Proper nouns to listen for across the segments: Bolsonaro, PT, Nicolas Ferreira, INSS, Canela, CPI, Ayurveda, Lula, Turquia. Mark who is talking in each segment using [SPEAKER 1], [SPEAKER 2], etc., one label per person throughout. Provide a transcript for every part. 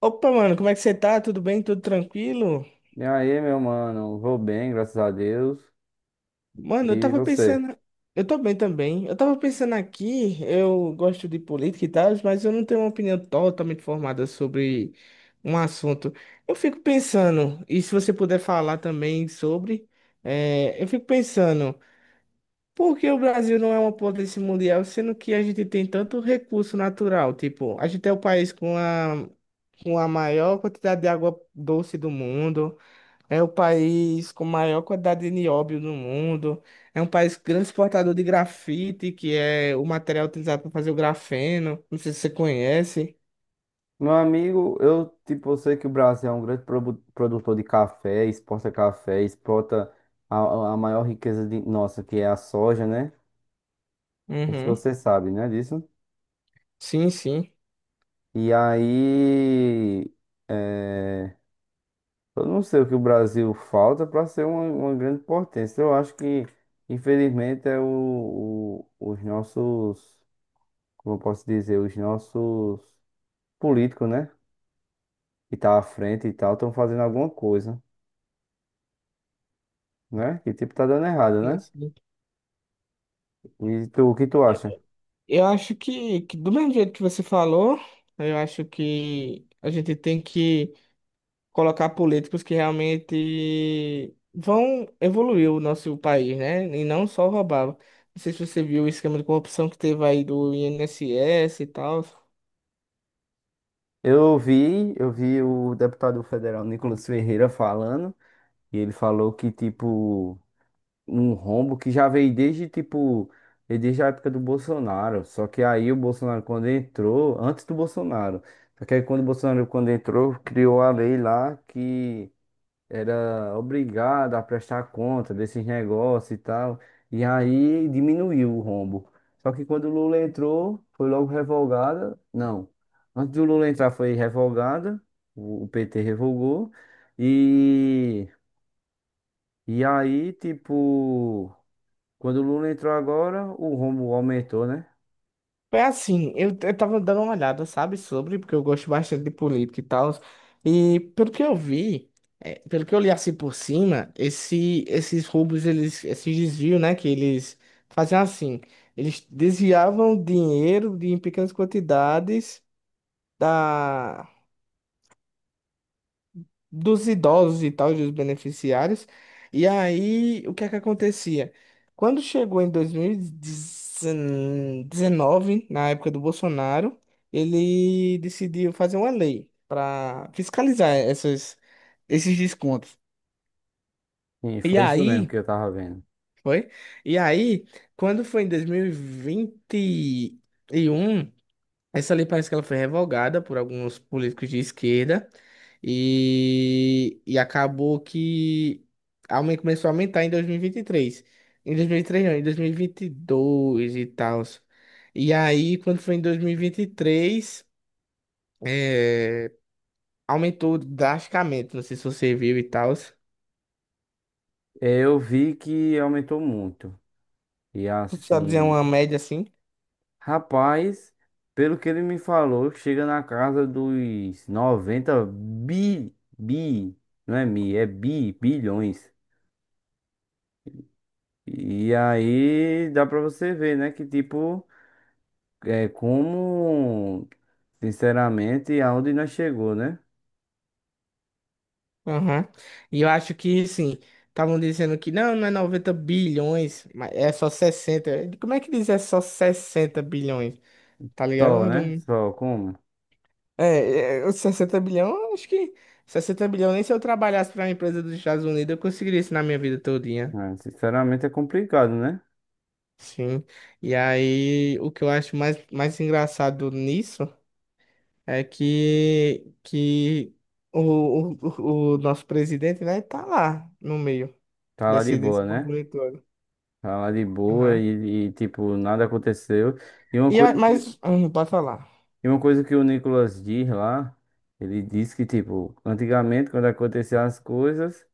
[SPEAKER 1] Opa, mano, como é que você tá? Tudo bem? Tudo tranquilo?
[SPEAKER 2] E aí, meu mano, vou bem, graças a Deus.
[SPEAKER 1] Mano, eu
[SPEAKER 2] E
[SPEAKER 1] tava
[SPEAKER 2] você?
[SPEAKER 1] pensando. Eu tô bem também. Eu tava pensando aqui, eu gosto de política e tal, mas eu não tenho uma opinião totalmente formada sobre um assunto. Eu fico pensando, e se você puder falar também sobre, eu fico pensando, por que o Brasil não é uma potência mundial, sendo que a gente tem tanto recurso natural? Tipo, a gente é o país com a maior quantidade de água doce do mundo. É o país com maior quantidade de nióbio no mundo. É um país grande exportador de grafite, que é o material utilizado para fazer o grafeno. Não sei se você conhece.
[SPEAKER 2] Meu amigo, eu tipo, eu sei que o Brasil é um grande produtor de café, exporta a maior riqueza de nossa, que é a soja, né? Não sei se
[SPEAKER 1] Uhum.
[SPEAKER 2] você sabe, né, disso.
[SPEAKER 1] Sim, sim.
[SPEAKER 2] E aí, é, eu não sei o que o Brasil falta para ser uma grande potência. Eu acho que, infelizmente, é os nossos, como eu posso dizer, os nossos políticos, né? Que tá à frente e tal, estão fazendo alguma coisa, né? Que tipo tá dando errado,
[SPEAKER 1] Sim,
[SPEAKER 2] né?
[SPEAKER 1] sim.
[SPEAKER 2] E tu, o que tu acha?
[SPEAKER 1] Eu acho que do mesmo jeito que você falou, eu acho que a gente tem que colocar políticos que realmente vão evoluir o nosso país, né? E não só roubar. Não sei se você viu o esquema de corrupção que teve aí do INSS e tal.
[SPEAKER 2] Eu vi o deputado federal Nicolas Ferreira falando, e ele falou que, tipo, um rombo que já veio desde, tipo, veio desde a época do Bolsonaro. Só que aí o Bolsonaro, quando entrou, antes do Bolsonaro, só que aí quando o Bolsonaro, quando entrou, criou a lei lá que era obrigado a prestar conta desses negócios e tal. E aí diminuiu o rombo. Só que quando o Lula entrou, foi logo revogada. Não, antes do Lula entrar foi revogada, o PT revogou. E, e aí, tipo, quando o Lula entrou agora, o rombo aumentou, né?
[SPEAKER 1] É assim, eu tava dando uma olhada, sabe, sobre, porque eu gosto bastante de política e tal. E pelo que eu vi, é, pelo que eu li assim por cima, esses roubos, eles, esses desvios, né, que eles faziam assim, eles desviavam dinheiro de, em pequenas quantidades da, dos idosos e tal, dos beneficiários. E aí, o que é que acontecia? Quando chegou em 2019, na época do Bolsonaro, ele decidiu fazer uma lei para fiscalizar esses descontos.
[SPEAKER 2] E
[SPEAKER 1] E
[SPEAKER 2] foi isso mesmo
[SPEAKER 1] aí,
[SPEAKER 2] que eu tava vendo.
[SPEAKER 1] foi? E aí, quando foi em 2021, essa lei parece que ela foi revogada por alguns políticos de esquerda e acabou que começou a aumentar em 2023. Em 2023 não, em 2022 e vinte e dois e tal. E aí, quando foi em 2023, eh, aumentou drasticamente, não sei se você viu e tal.
[SPEAKER 2] Eu vi que aumentou muito. E
[SPEAKER 1] Só dizer
[SPEAKER 2] assim,
[SPEAKER 1] uma média assim.
[SPEAKER 2] rapaz, pelo que ele me falou, chega na casa dos 90 bi, bi, não é mi, é bi, bilhões. E aí dá pra você ver, né, que tipo, é como, sinceramente, aonde nós chegou, né?
[SPEAKER 1] Aham. E eu acho que, sim, estavam dizendo que não, não é 90 bilhões, mas é só sessenta. Como é que diz? É só 60 bilhões? Tá ligado?
[SPEAKER 2] Só,
[SPEAKER 1] Eu
[SPEAKER 2] né?
[SPEAKER 1] não-
[SPEAKER 2] Só, como?
[SPEAKER 1] É, os 60 bilhões, eu acho que 60 bilhões, nem se eu trabalhasse pra uma empresa dos Estados Unidos, eu conseguiria isso na minha vida todinha.
[SPEAKER 2] É, sinceramente é complicado, né?
[SPEAKER 1] Sim. E aí, o que eu acho mais engraçado nisso é que o nosso presidente, né, tá lá no meio
[SPEAKER 2] Tá lá de
[SPEAKER 1] desse
[SPEAKER 2] boa, né?
[SPEAKER 1] burburinho todo.
[SPEAKER 2] Tá lá de boa e tipo, nada aconteceu. E uma coisa que
[SPEAKER 1] Mas, pode falar.
[SPEAKER 2] E uma coisa que o Nicolas diz lá, ele diz que, tipo, antigamente, quando aconteciam as coisas,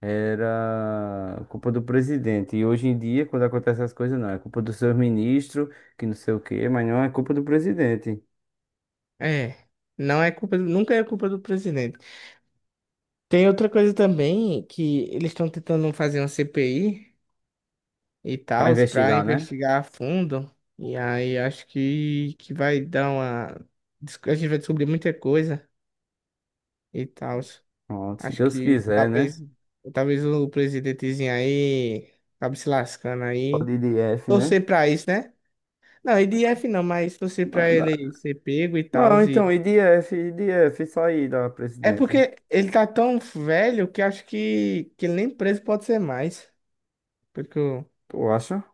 [SPEAKER 2] era culpa do presidente. E hoje em dia, quando acontecem as coisas, não, é culpa do seu ministro, que não sei o quê, mas não é culpa do presidente.
[SPEAKER 1] É, não é culpa, nunca é culpa do presidente. Tem outra coisa também que eles estão tentando fazer uma CPI e
[SPEAKER 2] Pra
[SPEAKER 1] tal para
[SPEAKER 2] investigar, né?
[SPEAKER 1] investigar a fundo. E aí acho que vai dar uma a gente vai descobrir muita coisa e tal.
[SPEAKER 2] Pronto, se
[SPEAKER 1] Acho
[SPEAKER 2] Deus
[SPEAKER 1] que
[SPEAKER 2] quiser, né?
[SPEAKER 1] talvez o presidentezinho aí acabe se lascando aí.
[SPEAKER 2] Pode ir de F, né?
[SPEAKER 1] Torcer pra isso, né? Não, IDF não, mas torcer
[SPEAKER 2] Não,
[SPEAKER 1] pra
[SPEAKER 2] não,
[SPEAKER 1] ele ser pego e tal.
[SPEAKER 2] não, então, IDF IDF, sair da
[SPEAKER 1] É
[SPEAKER 2] presidência.
[SPEAKER 1] porque ele tá tão velho que acho que ele nem preso pode ser mais. Pelo que eu,
[SPEAKER 2] Tu acha?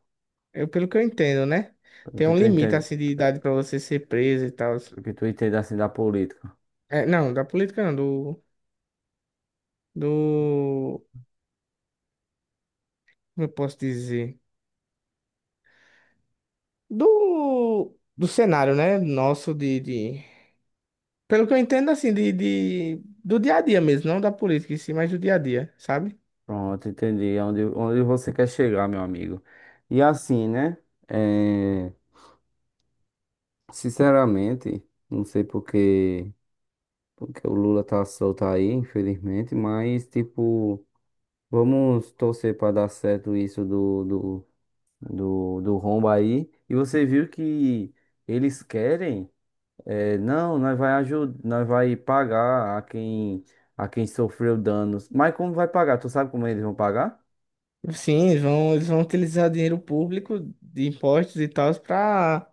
[SPEAKER 1] Pelo que eu entendo, né?
[SPEAKER 2] Pelo
[SPEAKER 1] Tem
[SPEAKER 2] que
[SPEAKER 1] um
[SPEAKER 2] tu
[SPEAKER 1] limite
[SPEAKER 2] entende,
[SPEAKER 1] assim de idade pra você ser preso e tal.
[SPEAKER 2] pelo que tu entende assim da política.
[SPEAKER 1] É, não, da política não, do, como eu posso dizer? Do cenário, né? Nosso, pelo que eu entendo assim, do dia a dia mesmo, não da política em si, mas do dia a dia, sabe?
[SPEAKER 2] Pronto, entendi. É. Onde você quer chegar, meu amigo. E assim, né? É, sinceramente, não sei porque, porque o Lula tá solto aí, infelizmente, mas, tipo, vamos torcer para dar certo isso do, rombo aí. E você viu que eles querem, é, não, nós vai ajudar, nós vai pagar a quem sofreu danos. Mas como vai pagar? Tu sabe como eles vão pagar?
[SPEAKER 1] Sim, eles vão utilizar dinheiro público de impostos e tal para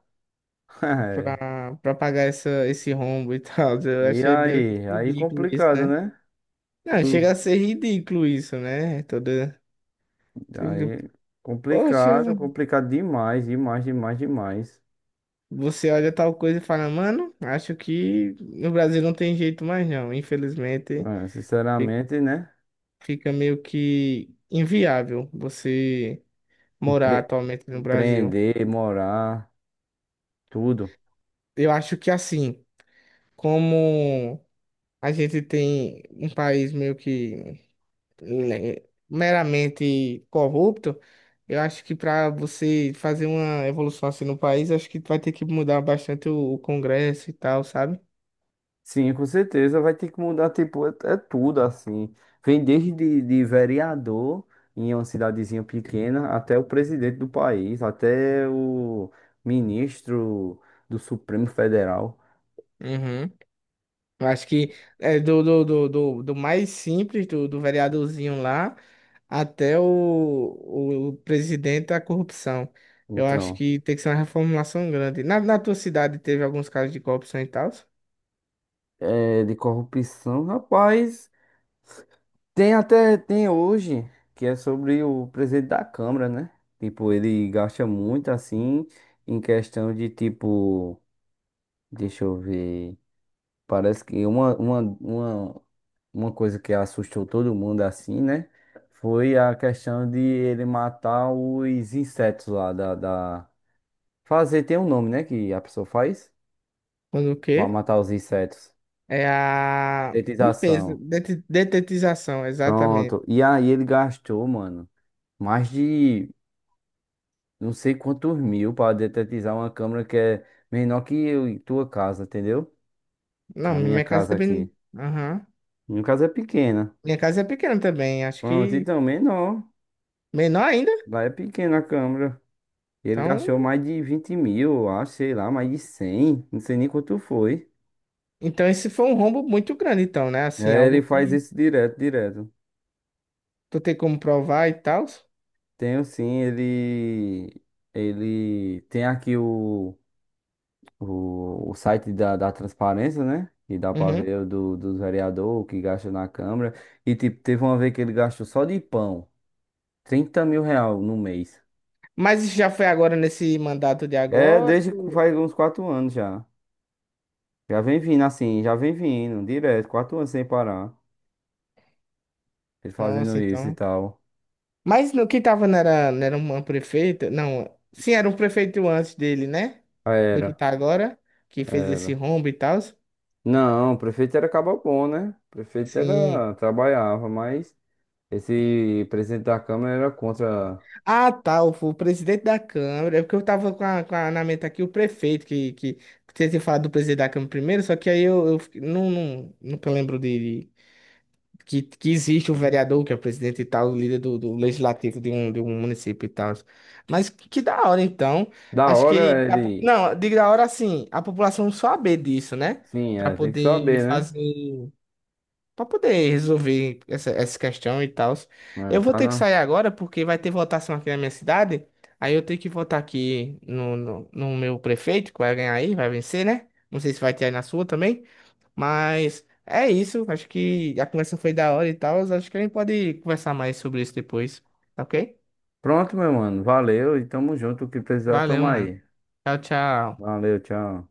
[SPEAKER 1] pra, pra pagar esse rombo e tal. Eu
[SPEAKER 2] E
[SPEAKER 1] achei meio que
[SPEAKER 2] aí? Aí
[SPEAKER 1] ridículo isso,
[SPEAKER 2] complicado,
[SPEAKER 1] né?
[SPEAKER 2] né?
[SPEAKER 1] Não,
[SPEAKER 2] Eu-
[SPEAKER 1] chega a ser ridículo isso, né? Toda. Tipo,
[SPEAKER 2] Aí
[SPEAKER 1] Poxa,
[SPEAKER 2] complicado, complicado demais, demais, demais, demais.
[SPEAKER 1] você olha tal coisa e fala, mano, acho que no Brasil não tem jeito mais não. Infelizmente,
[SPEAKER 2] É,
[SPEAKER 1] fi-
[SPEAKER 2] sinceramente, né?
[SPEAKER 1] fica meio que inviável você morar
[SPEAKER 2] Empre-
[SPEAKER 1] atualmente no Brasil.
[SPEAKER 2] empreender, morar, tudo.
[SPEAKER 1] Eu acho que assim, como a gente tem um país meio que le- meramente corrupto, eu acho que para você fazer uma evolução assim no país, acho que vai ter que mudar bastante o Congresso e tal, sabe?
[SPEAKER 2] Sim, com certeza vai ter que mudar, tipo, é tudo assim. Vem desde de vereador em uma cidadezinha pequena até o presidente do país, até o ministro do Supremo Federal.
[SPEAKER 1] Uhum. Eu acho que é do mais simples, do vereadorzinho lá, até o presidente da corrupção. Eu acho
[SPEAKER 2] Então,
[SPEAKER 1] que tem que ser uma reformulação grande. Na tua cidade teve alguns casos de corrupção e tal?
[SPEAKER 2] é, de corrupção, rapaz. Tem até, tem hoje, que é sobre o presidente da Câmara, né? Tipo, ele gasta muito assim, em questão de tipo, deixa eu ver, parece que uma coisa que assustou todo mundo assim, né? Foi a questão de ele matar os insetos lá Fazer tem um nome, né? Que a pessoa faz
[SPEAKER 1] Quando o
[SPEAKER 2] pra
[SPEAKER 1] quê?
[SPEAKER 2] matar os insetos.
[SPEAKER 1] É a limpeza,
[SPEAKER 2] Detetização.
[SPEAKER 1] detetização, exatamente.
[SPEAKER 2] Pronto. E aí ele gastou, mano, mais de não sei quantos mil para detetizar uma câmera que é menor que eu e tua casa, entendeu? Que
[SPEAKER 1] Não,
[SPEAKER 2] é a minha
[SPEAKER 1] minha casa
[SPEAKER 2] casa aqui.
[SPEAKER 1] também. Aham.
[SPEAKER 2] Minha casa é pequena.
[SPEAKER 1] Minha casa é pequena também, acho
[SPEAKER 2] Pronto,
[SPEAKER 1] que
[SPEAKER 2] então, menor.
[SPEAKER 1] menor ainda.
[SPEAKER 2] Lá é pequena a câmera. Ele
[SPEAKER 1] Então,
[SPEAKER 2] gastou mais de 20 mil, eu acho, sei lá, mais de 100, não sei nem quanto foi.
[SPEAKER 1] então esse foi um rombo muito grande, então, né? Assim,
[SPEAKER 2] É, ele
[SPEAKER 1] algo
[SPEAKER 2] faz
[SPEAKER 1] que
[SPEAKER 2] isso direto, direto.
[SPEAKER 1] tu tem como provar e tal.
[SPEAKER 2] Tenho sim, ele. Ele tem aqui o. O site da transparência, né? E dá pra
[SPEAKER 1] Uhum.
[SPEAKER 2] ver o do, dos vereadores que gastam na Câmara. E tipo, teve uma vez que ele gastou só de pão 30 mil real no mês.
[SPEAKER 1] Mas isso já foi agora nesse mandato de
[SPEAKER 2] É,
[SPEAKER 1] agora?
[SPEAKER 2] desde que
[SPEAKER 1] Ou-
[SPEAKER 2] faz uns 4 anos já. Já vem vindo assim, já vem vindo, direto, 4 anos sem parar. Ele fazendo
[SPEAKER 1] Nossa,
[SPEAKER 2] isso e
[SPEAKER 1] então.
[SPEAKER 2] tal.
[SPEAKER 1] Mas no que tava não era uma prefeita? Não, sim, era um prefeito antes dele, né? Do
[SPEAKER 2] Era,
[SPEAKER 1] que tá agora, que, fez esse
[SPEAKER 2] era.
[SPEAKER 1] rombo e tal.
[SPEAKER 2] Não, o prefeito era bom né? O prefeito
[SPEAKER 1] Sim.
[SPEAKER 2] era, trabalhava, mas esse presidente da Câmara era contra.
[SPEAKER 1] Ah, tá, o presidente da Câmara. É porque eu tava na mente aqui o prefeito, que você tinha falado do presidente da Câmara primeiro, só que aí não, não, nunca lembro que existe o vereador, que é o presidente e tal, o líder do legislativo de um município e tal. Mas que da hora, então.
[SPEAKER 2] Da
[SPEAKER 1] Acho que.
[SPEAKER 2] hora
[SPEAKER 1] A po-
[SPEAKER 2] ele.
[SPEAKER 1] Não, digo da hora assim, a população saber disso, né?
[SPEAKER 2] Sim,
[SPEAKER 1] Pra
[SPEAKER 2] é, tem que
[SPEAKER 1] poder
[SPEAKER 2] saber, né?
[SPEAKER 1] fazer. Pra poder resolver essa questão e tal.
[SPEAKER 2] É,
[SPEAKER 1] Eu vou
[SPEAKER 2] tá
[SPEAKER 1] ter que
[SPEAKER 2] na...
[SPEAKER 1] sair agora porque vai ter votação aqui na minha cidade. Aí eu tenho que votar aqui no meu prefeito, que vai ganhar aí, vai vencer, né? Não sei se vai ter aí na sua também. Mas é isso. Acho que a conversa foi da hora e tal. Acho que a gente pode conversar mais sobre isso depois. Tá ok?
[SPEAKER 2] Pronto, meu mano. Valeu e tamo junto. O que precisar, tamo
[SPEAKER 1] Valeu, mano.
[SPEAKER 2] aí.
[SPEAKER 1] Tchau, tchau.
[SPEAKER 2] Valeu, tchau.